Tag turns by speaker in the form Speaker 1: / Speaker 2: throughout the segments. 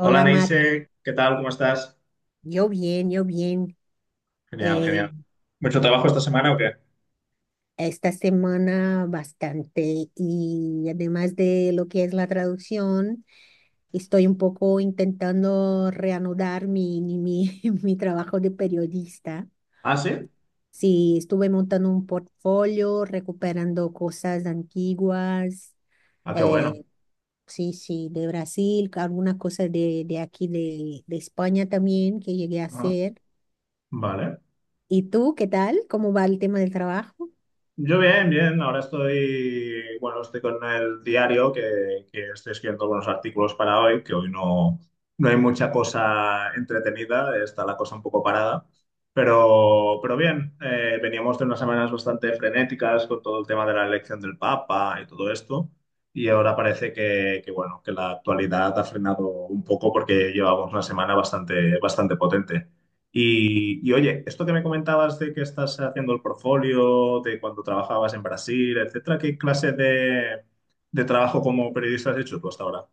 Speaker 1: Hola
Speaker 2: Mar.
Speaker 1: Neise, ¿qué tal? ¿Cómo estás?
Speaker 2: Yo bien, yo bien.
Speaker 1: Genial,
Speaker 2: Eh,
Speaker 1: genial. ¿Mucho trabajo esta semana o qué?
Speaker 2: Esta semana bastante, y además de lo que es la traducción, estoy un poco intentando reanudar mi, mi, mi mi trabajo de periodista.
Speaker 1: Ah, sí.
Speaker 2: Sí, estuve montando un portfolio, recuperando cosas antiguas.
Speaker 1: Ah, qué bueno.
Speaker 2: eh, sí, sí, de Brasil, algunas cosas de aquí, de España también, que llegué a
Speaker 1: Ajá.
Speaker 2: hacer.
Speaker 1: Vale.
Speaker 2: ¿Y tú qué tal? ¿Cómo va el tema del trabajo?
Speaker 1: Yo bien, bien. Ahora estoy, bueno, estoy con el diario que estoy escribiendo algunos artículos para hoy, que hoy no, no hay mucha cosa entretenida, está la cosa un poco parada. Pero bien, veníamos de unas semanas bastante frenéticas con todo el tema de la elección del Papa y todo esto. Y ahora parece bueno, que la actualidad ha frenado un poco porque llevamos una semana bastante, bastante potente. Oye, esto que me comentabas de que estás haciendo el portfolio, de cuando trabajabas en Brasil, etcétera, ¿qué clase de trabajo como periodista has hecho tú hasta ahora?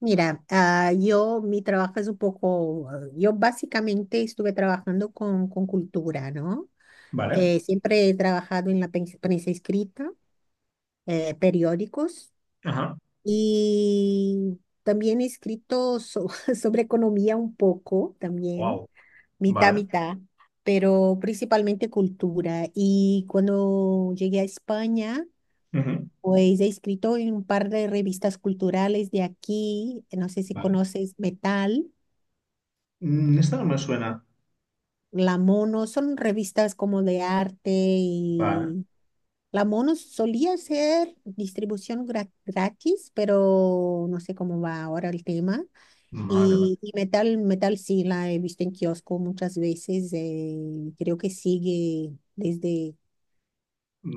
Speaker 2: Mira, yo, mi trabajo es un poco, yo básicamente estuve trabajando con cultura, ¿no?
Speaker 1: Vale.
Speaker 2: Siempre he trabajado en la prensa escrita, periódicos,
Speaker 1: Ajá.
Speaker 2: y también he escrito sobre economía un poco, también,
Speaker 1: Wow.
Speaker 2: mitad,
Speaker 1: Vale.
Speaker 2: mitad, pero principalmente cultura. Y cuando llegué a España...
Speaker 1: Ujú.
Speaker 2: Pues he escrito en un par de revistas culturales de aquí, no sé si
Speaker 1: Vale.
Speaker 2: conoces Metal,
Speaker 1: Mm, esta no me suena.
Speaker 2: La Mono, son revistas como de arte.
Speaker 1: Vale.
Speaker 2: Y la Mono solía ser distribución gratis, pero no sé cómo va ahora el tema.
Speaker 1: Vale, vale.
Speaker 2: Y Metal, Metal sí la he visto en kiosco muchas veces, creo que sigue desde...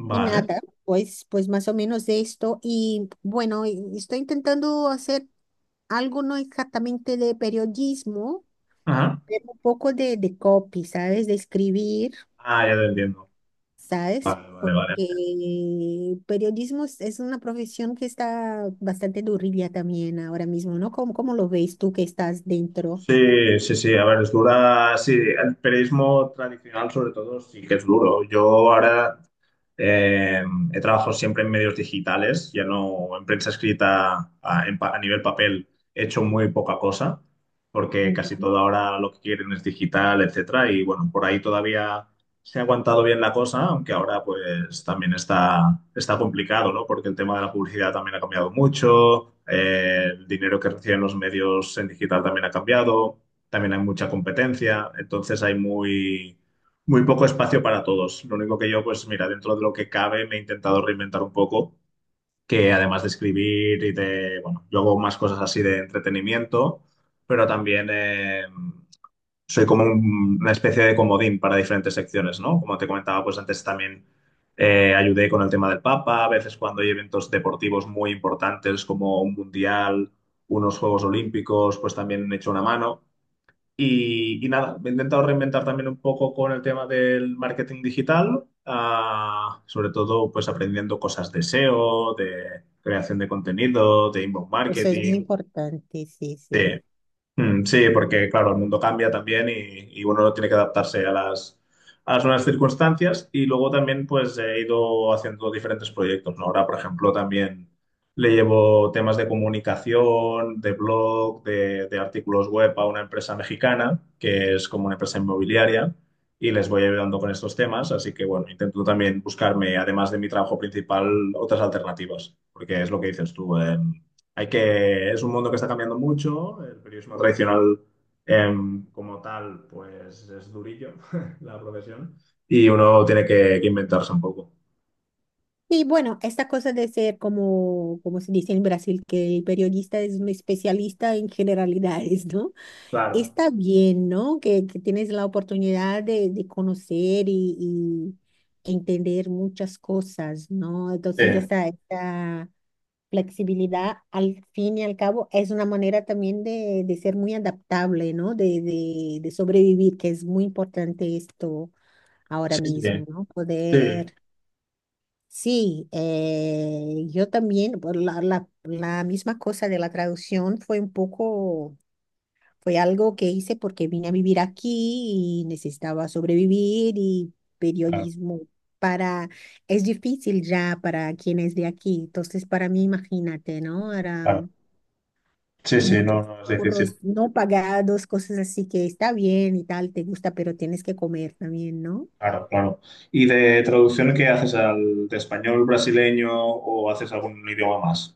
Speaker 2: Y
Speaker 1: Vale.
Speaker 2: nada, pues, pues más o menos de esto. Y bueno, y estoy intentando hacer algo no exactamente de periodismo,
Speaker 1: Ajá.
Speaker 2: pero un poco de copy, ¿sabes? De escribir.
Speaker 1: Ah, ya te entiendo.
Speaker 2: ¿Sabes?
Speaker 1: Vale, vale,
Speaker 2: Porque
Speaker 1: vale.
Speaker 2: periodismo es una profesión que está bastante durilla también ahora mismo, ¿no? ¿Cómo, cómo lo ves tú, que estás dentro?
Speaker 1: Sí, sí, sí. A ver, es dura. Sí, el periodismo tradicional, sobre todo, sí que es duro. Yo ahora. Eh, he trabajado siempre en medios digitales, ya no en prensa escrita en a nivel papel, he hecho muy poca cosa, porque casi
Speaker 2: Ujú.
Speaker 1: todo ahora lo que quieren es digital, etcétera. Y bueno, por ahí todavía se ha aguantado bien la cosa, aunque ahora pues también está, está complicado, ¿no? Porque el tema de la publicidad también ha cambiado mucho, el dinero que reciben los medios en digital también ha cambiado, también hay mucha competencia, entonces hay muy poco espacio para todos. Lo único que yo, pues mira, dentro de lo que cabe, me he intentado reinventar un poco, que además de escribir y de, bueno, yo hago más cosas así de entretenimiento, pero también soy como una especie de comodín para diferentes secciones, ¿no? Como te comentaba, pues antes también ayudé con el tema del Papa, a veces cuando hay eventos deportivos muy importantes como un mundial, unos Juegos Olímpicos, pues también he hecho una mano. Y nada, me he intentado reinventar también un poco con el tema del marketing digital, sobre todo pues aprendiendo cosas de SEO, de creación de contenido, de inbound
Speaker 2: Eso es muy
Speaker 1: marketing.
Speaker 2: importante, sí, sí.
Speaker 1: Sí, porque claro, el mundo cambia también y uno tiene que adaptarse a a las nuevas circunstancias y luego también pues he ido haciendo diferentes proyectos, ¿no? Ahora, por ejemplo, también le llevo temas de comunicación, de blog, de artículos web a una empresa mexicana que es como una empresa inmobiliaria y les voy ayudando con estos temas, así que bueno, intento también buscarme, además de mi trabajo principal, otras alternativas, porque es lo que dices tú, hay que, es un mundo que está cambiando mucho. El periodismo tradicional, como tal, pues es durillo la profesión. Y uno tiene que inventarse un poco.
Speaker 2: Y bueno, esta cosa de ser como, como se dice en Brasil, que el periodista es un especialista en generalidades, ¿no?
Speaker 1: Claro.
Speaker 2: Está bien, ¿no? Que tienes la oportunidad de conocer y entender muchas cosas, ¿no? Entonces,
Speaker 1: Sí,
Speaker 2: esta flexibilidad, al fin y al cabo, es una manera también de ser muy adaptable, ¿no? De sobrevivir, que es muy importante esto ahora
Speaker 1: sí, sí,
Speaker 2: mismo, ¿no?
Speaker 1: sí,
Speaker 2: Poder, sí, yo también, por la, la, la misma cosa de la traducción, fue un poco, fue algo que hice porque vine a vivir aquí y necesitaba sobrevivir, y
Speaker 1: claro,
Speaker 2: periodismo para... Es difícil ya para quien es de aquí. Entonces, para mí, imagínate, ¿no? Era
Speaker 1: claro. Sí, sí, no,
Speaker 2: muchos
Speaker 1: no es
Speaker 2: curros
Speaker 1: difícil.
Speaker 2: no pagados, cosas así, que está bien y tal, te gusta, pero tienes que comer también, ¿no?
Speaker 1: Claro, claro. ¿Y de traducción qué haces al de español brasileño o haces algún idioma más?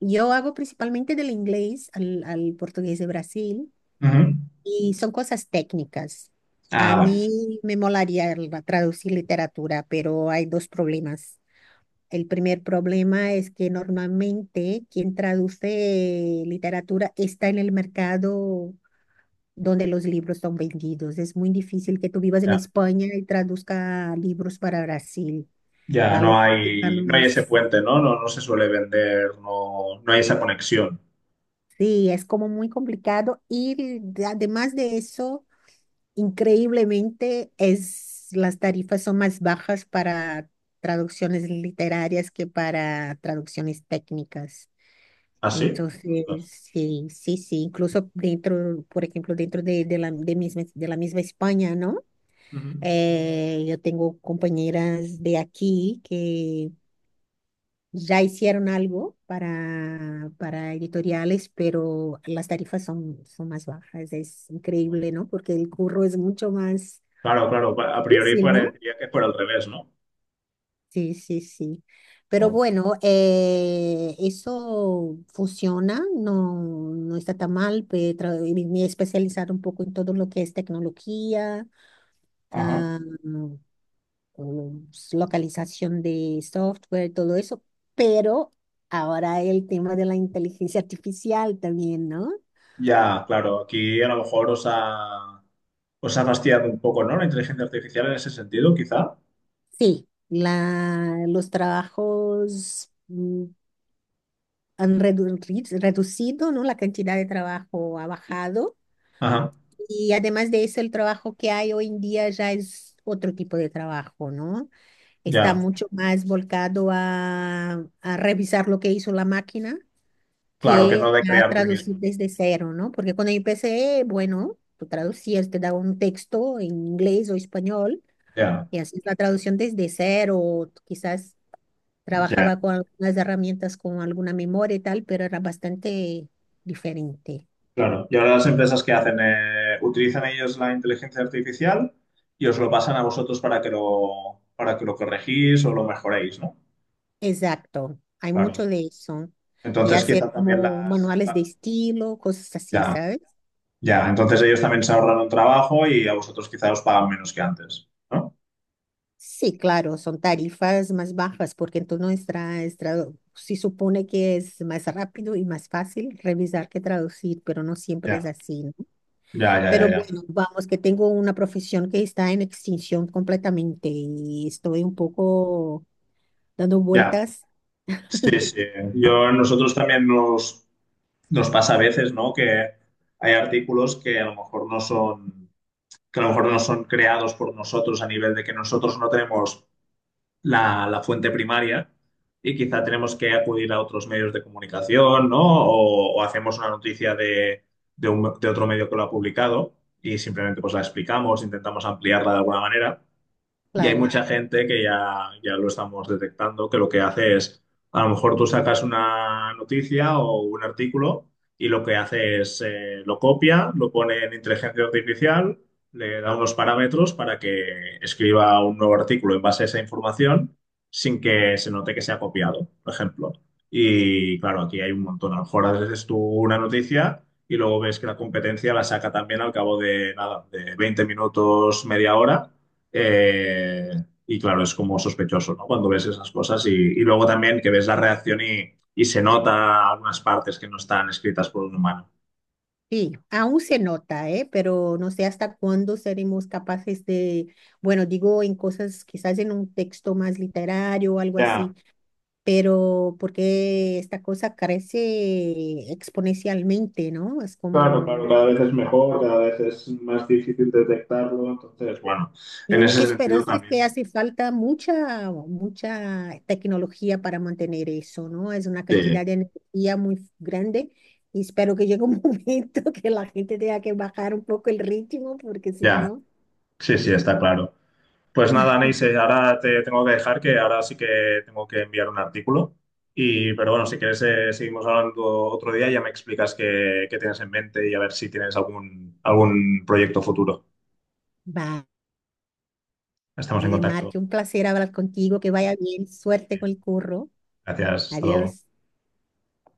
Speaker 2: Yo hago principalmente del inglés al, al portugués de Brasil,
Speaker 1: Ujú.
Speaker 2: y son cosas técnicas. A
Speaker 1: Ah, vale.
Speaker 2: mí me molaría traducir literatura, pero hay dos problemas. El primer problema es que normalmente quien traduce literatura está en el mercado donde los libros son vendidos. Es muy difícil que tú vivas en
Speaker 1: Ya,
Speaker 2: España y traduzca libros para Brasil.
Speaker 1: ya
Speaker 2: La
Speaker 1: no
Speaker 2: logística
Speaker 1: hay,
Speaker 2: no
Speaker 1: no hay ese
Speaker 2: es,
Speaker 1: puente, ¿no? No, no se suele vender, no, no hay esa conexión.
Speaker 2: sí, es como muy complicado. Y además de eso, increíblemente es, las tarifas son más bajas para traducciones literarias que para traducciones técnicas.
Speaker 1: ¿Ah, sí?
Speaker 2: Entonces,
Speaker 1: Ostras.
Speaker 2: sí, sí, sí, incluso dentro, por ejemplo, dentro de, de la misma España, ¿no?
Speaker 1: Ujú.
Speaker 2: Yo tengo compañeras de aquí que ya hicieron algo para editoriales, pero las tarifas son, son más bajas. Es
Speaker 1: Wow.
Speaker 2: increíble, ¿no? Porque el curro es mucho más
Speaker 1: Claro, claro, a priori
Speaker 2: difícil, ¿no?
Speaker 1: parecería que por el revés, ¿no?
Speaker 2: Sí, sí, sí. Pero
Speaker 1: Wow.
Speaker 2: bueno, eso funciona, no, no está tan mal. Me he especializado un poco en todo lo que es tecnología,
Speaker 1: Ajá.
Speaker 2: ah, o localización de software, todo eso, pero ahora el tema de la inteligencia artificial también, ¿no?
Speaker 1: Ya, claro, aquí a lo mejor os ha fastidiado un poco, ¿no? La inteligencia artificial en ese sentido, quizá.
Speaker 2: Sí, la, los trabajos reducido, ¿no? La cantidad de trabajo ha bajado,
Speaker 1: Ajá,
Speaker 2: y además de eso, el trabajo que hay hoy en día ya es otro tipo de trabajo, ¿no? Está
Speaker 1: ya,
Speaker 2: mucho más volcado a revisar lo que hizo la máquina,
Speaker 1: claro, que no
Speaker 2: que
Speaker 1: de
Speaker 2: a
Speaker 1: crear tú mismo,
Speaker 2: traducir
Speaker 1: ¿no?
Speaker 2: desde cero, ¿no? Porque cuando yo empecé, bueno, tú traducías, te daba un texto en inglés o español,
Speaker 1: Ya,
Speaker 2: y hacías la traducción desde cero, o quizás
Speaker 1: ya,
Speaker 2: trabajaba con algunas herramientas, con alguna memoria y tal, pero era bastante diferente.
Speaker 1: claro. Y ahora las empresas que hacen, eh, utilizan ellos la inteligencia artificial y os lo pasan a vosotros para que lo corregís o lo mejoréis, ¿no?
Speaker 2: Exacto, hay
Speaker 1: Claro.
Speaker 2: mucho de eso. Y
Speaker 1: Entonces,
Speaker 2: hacer
Speaker 1: quizá también
Speaker 2: como manuales de
Speaker 1: la-
Speaker 2: estilo, cosas así,
Speaker 1: ya.
Speaker 2: ¿sabes?
Speaker 1: Ya, entonces ellos también se ahorran un trabajo y a vosotros quizá os pagan menos que antes, ¿no?
Speaker 2: Sí, claro, son tarifas más bajas porque entonces sí, supone que es más rápido y más fácil revisar que traducir, pero no siempre es
Speaker 1: Ya,
Speaker 2: así, ¿no?
Speaker 1: ya, ya, ya,
Speaker 2: Pero
Speaker 1: ya.
Speaker 2: bueno, vamos, que tengo una profesión que está en extinción completamente, y estoy un poco dando
Speaker 1: Ya,
Speaker 2: vueltas,
Speaker 1: sí, sí. Yo, nosotros también nos pasa a veces, ¿no? Que hay artículos que a lo mejor no son, que a lo mejor no son creados por nosotros a nivel de que nosotros no tenemos la fuente primaria y quizá tenemos que acudir a otros medios de comunicación, ¿no? O hacemos una noticia de de otro medio que lo ha publicado y simplemente pues la explicamos, intentamos ampliarla de alguna manera. Y hay
Speaker 2: claro.
Speaker 1: mucha gente ya lo estamos detectando, que lo que hace es, a lo mejor tú sacas una noticia o un artículo y lo que hace es, lo copia, lo pone en inteligencia artificial, le da unos parámetros para que escriba un nuevo artículo en base a esa información sin que se note que se ha copiado, por ejemplo. Y claro, aquí hay un montón. A lo mejor haces tú una noticia y luego ves que la competencia la saca también al cabo de, nada, de 20 minutos, media hora eh, y claro, es como sospechoso, ¿no? Cuando ves esas cosas y luego también que ves la reacción y se nota algunas partes que no están escritas por un humano.
Speaker 2: Sí, aún se nota, ¿eh? Pero no sé hasta cuándo seremos capaces de, bueno, digo en cosas, quizás en un texto más literario o algo
Speaker 1: Ya,
Speaker 2: así, pero porque esta cosa crece exponencialmente, ¿no? Es
Speaker 1: claro,
Speaker 2: como,
Speaker 1: claro, cada vez es mejor, cada vez es más difícil detectarlo, entonces, bueno. Bueno,
Speaker 2: mi
Speaker 1: en
Speaker 2: única
Speaker 1: ese sentido
Speaker 2: esperanza es
Speaker 1: también.
Speaker 2: que hace falta mucha, mucha tecnología para mantener eso, ¿no? Es una cantidad
Speaker 1: Sí,
Speaker 2: de energía muy grande, y espero que llegue un momento que la gente tenga que bajar un poco el ritmo, porque si
Speaker 1: ya,
Speaker 2: no,
Speaker 1: sí, sí, está claro. Pues nada, Neise, ahora te tengo que dejar que ahora sí que tengo que enviar un artículo. Y, pero bueno, si quieres, seguimos hablando otro día y ya me explicas qué tienes en mente y a ver si tienes algún proyecto futuro.
Speaker 2: vale,
Speaker 1: Estamos en contacto.
Speaker 2: Marque, un placer hablar contigo, que vaya bien, suerte con el curro,
Speaker 1: Gracias, hasta luego.
Speaker 2: adiós.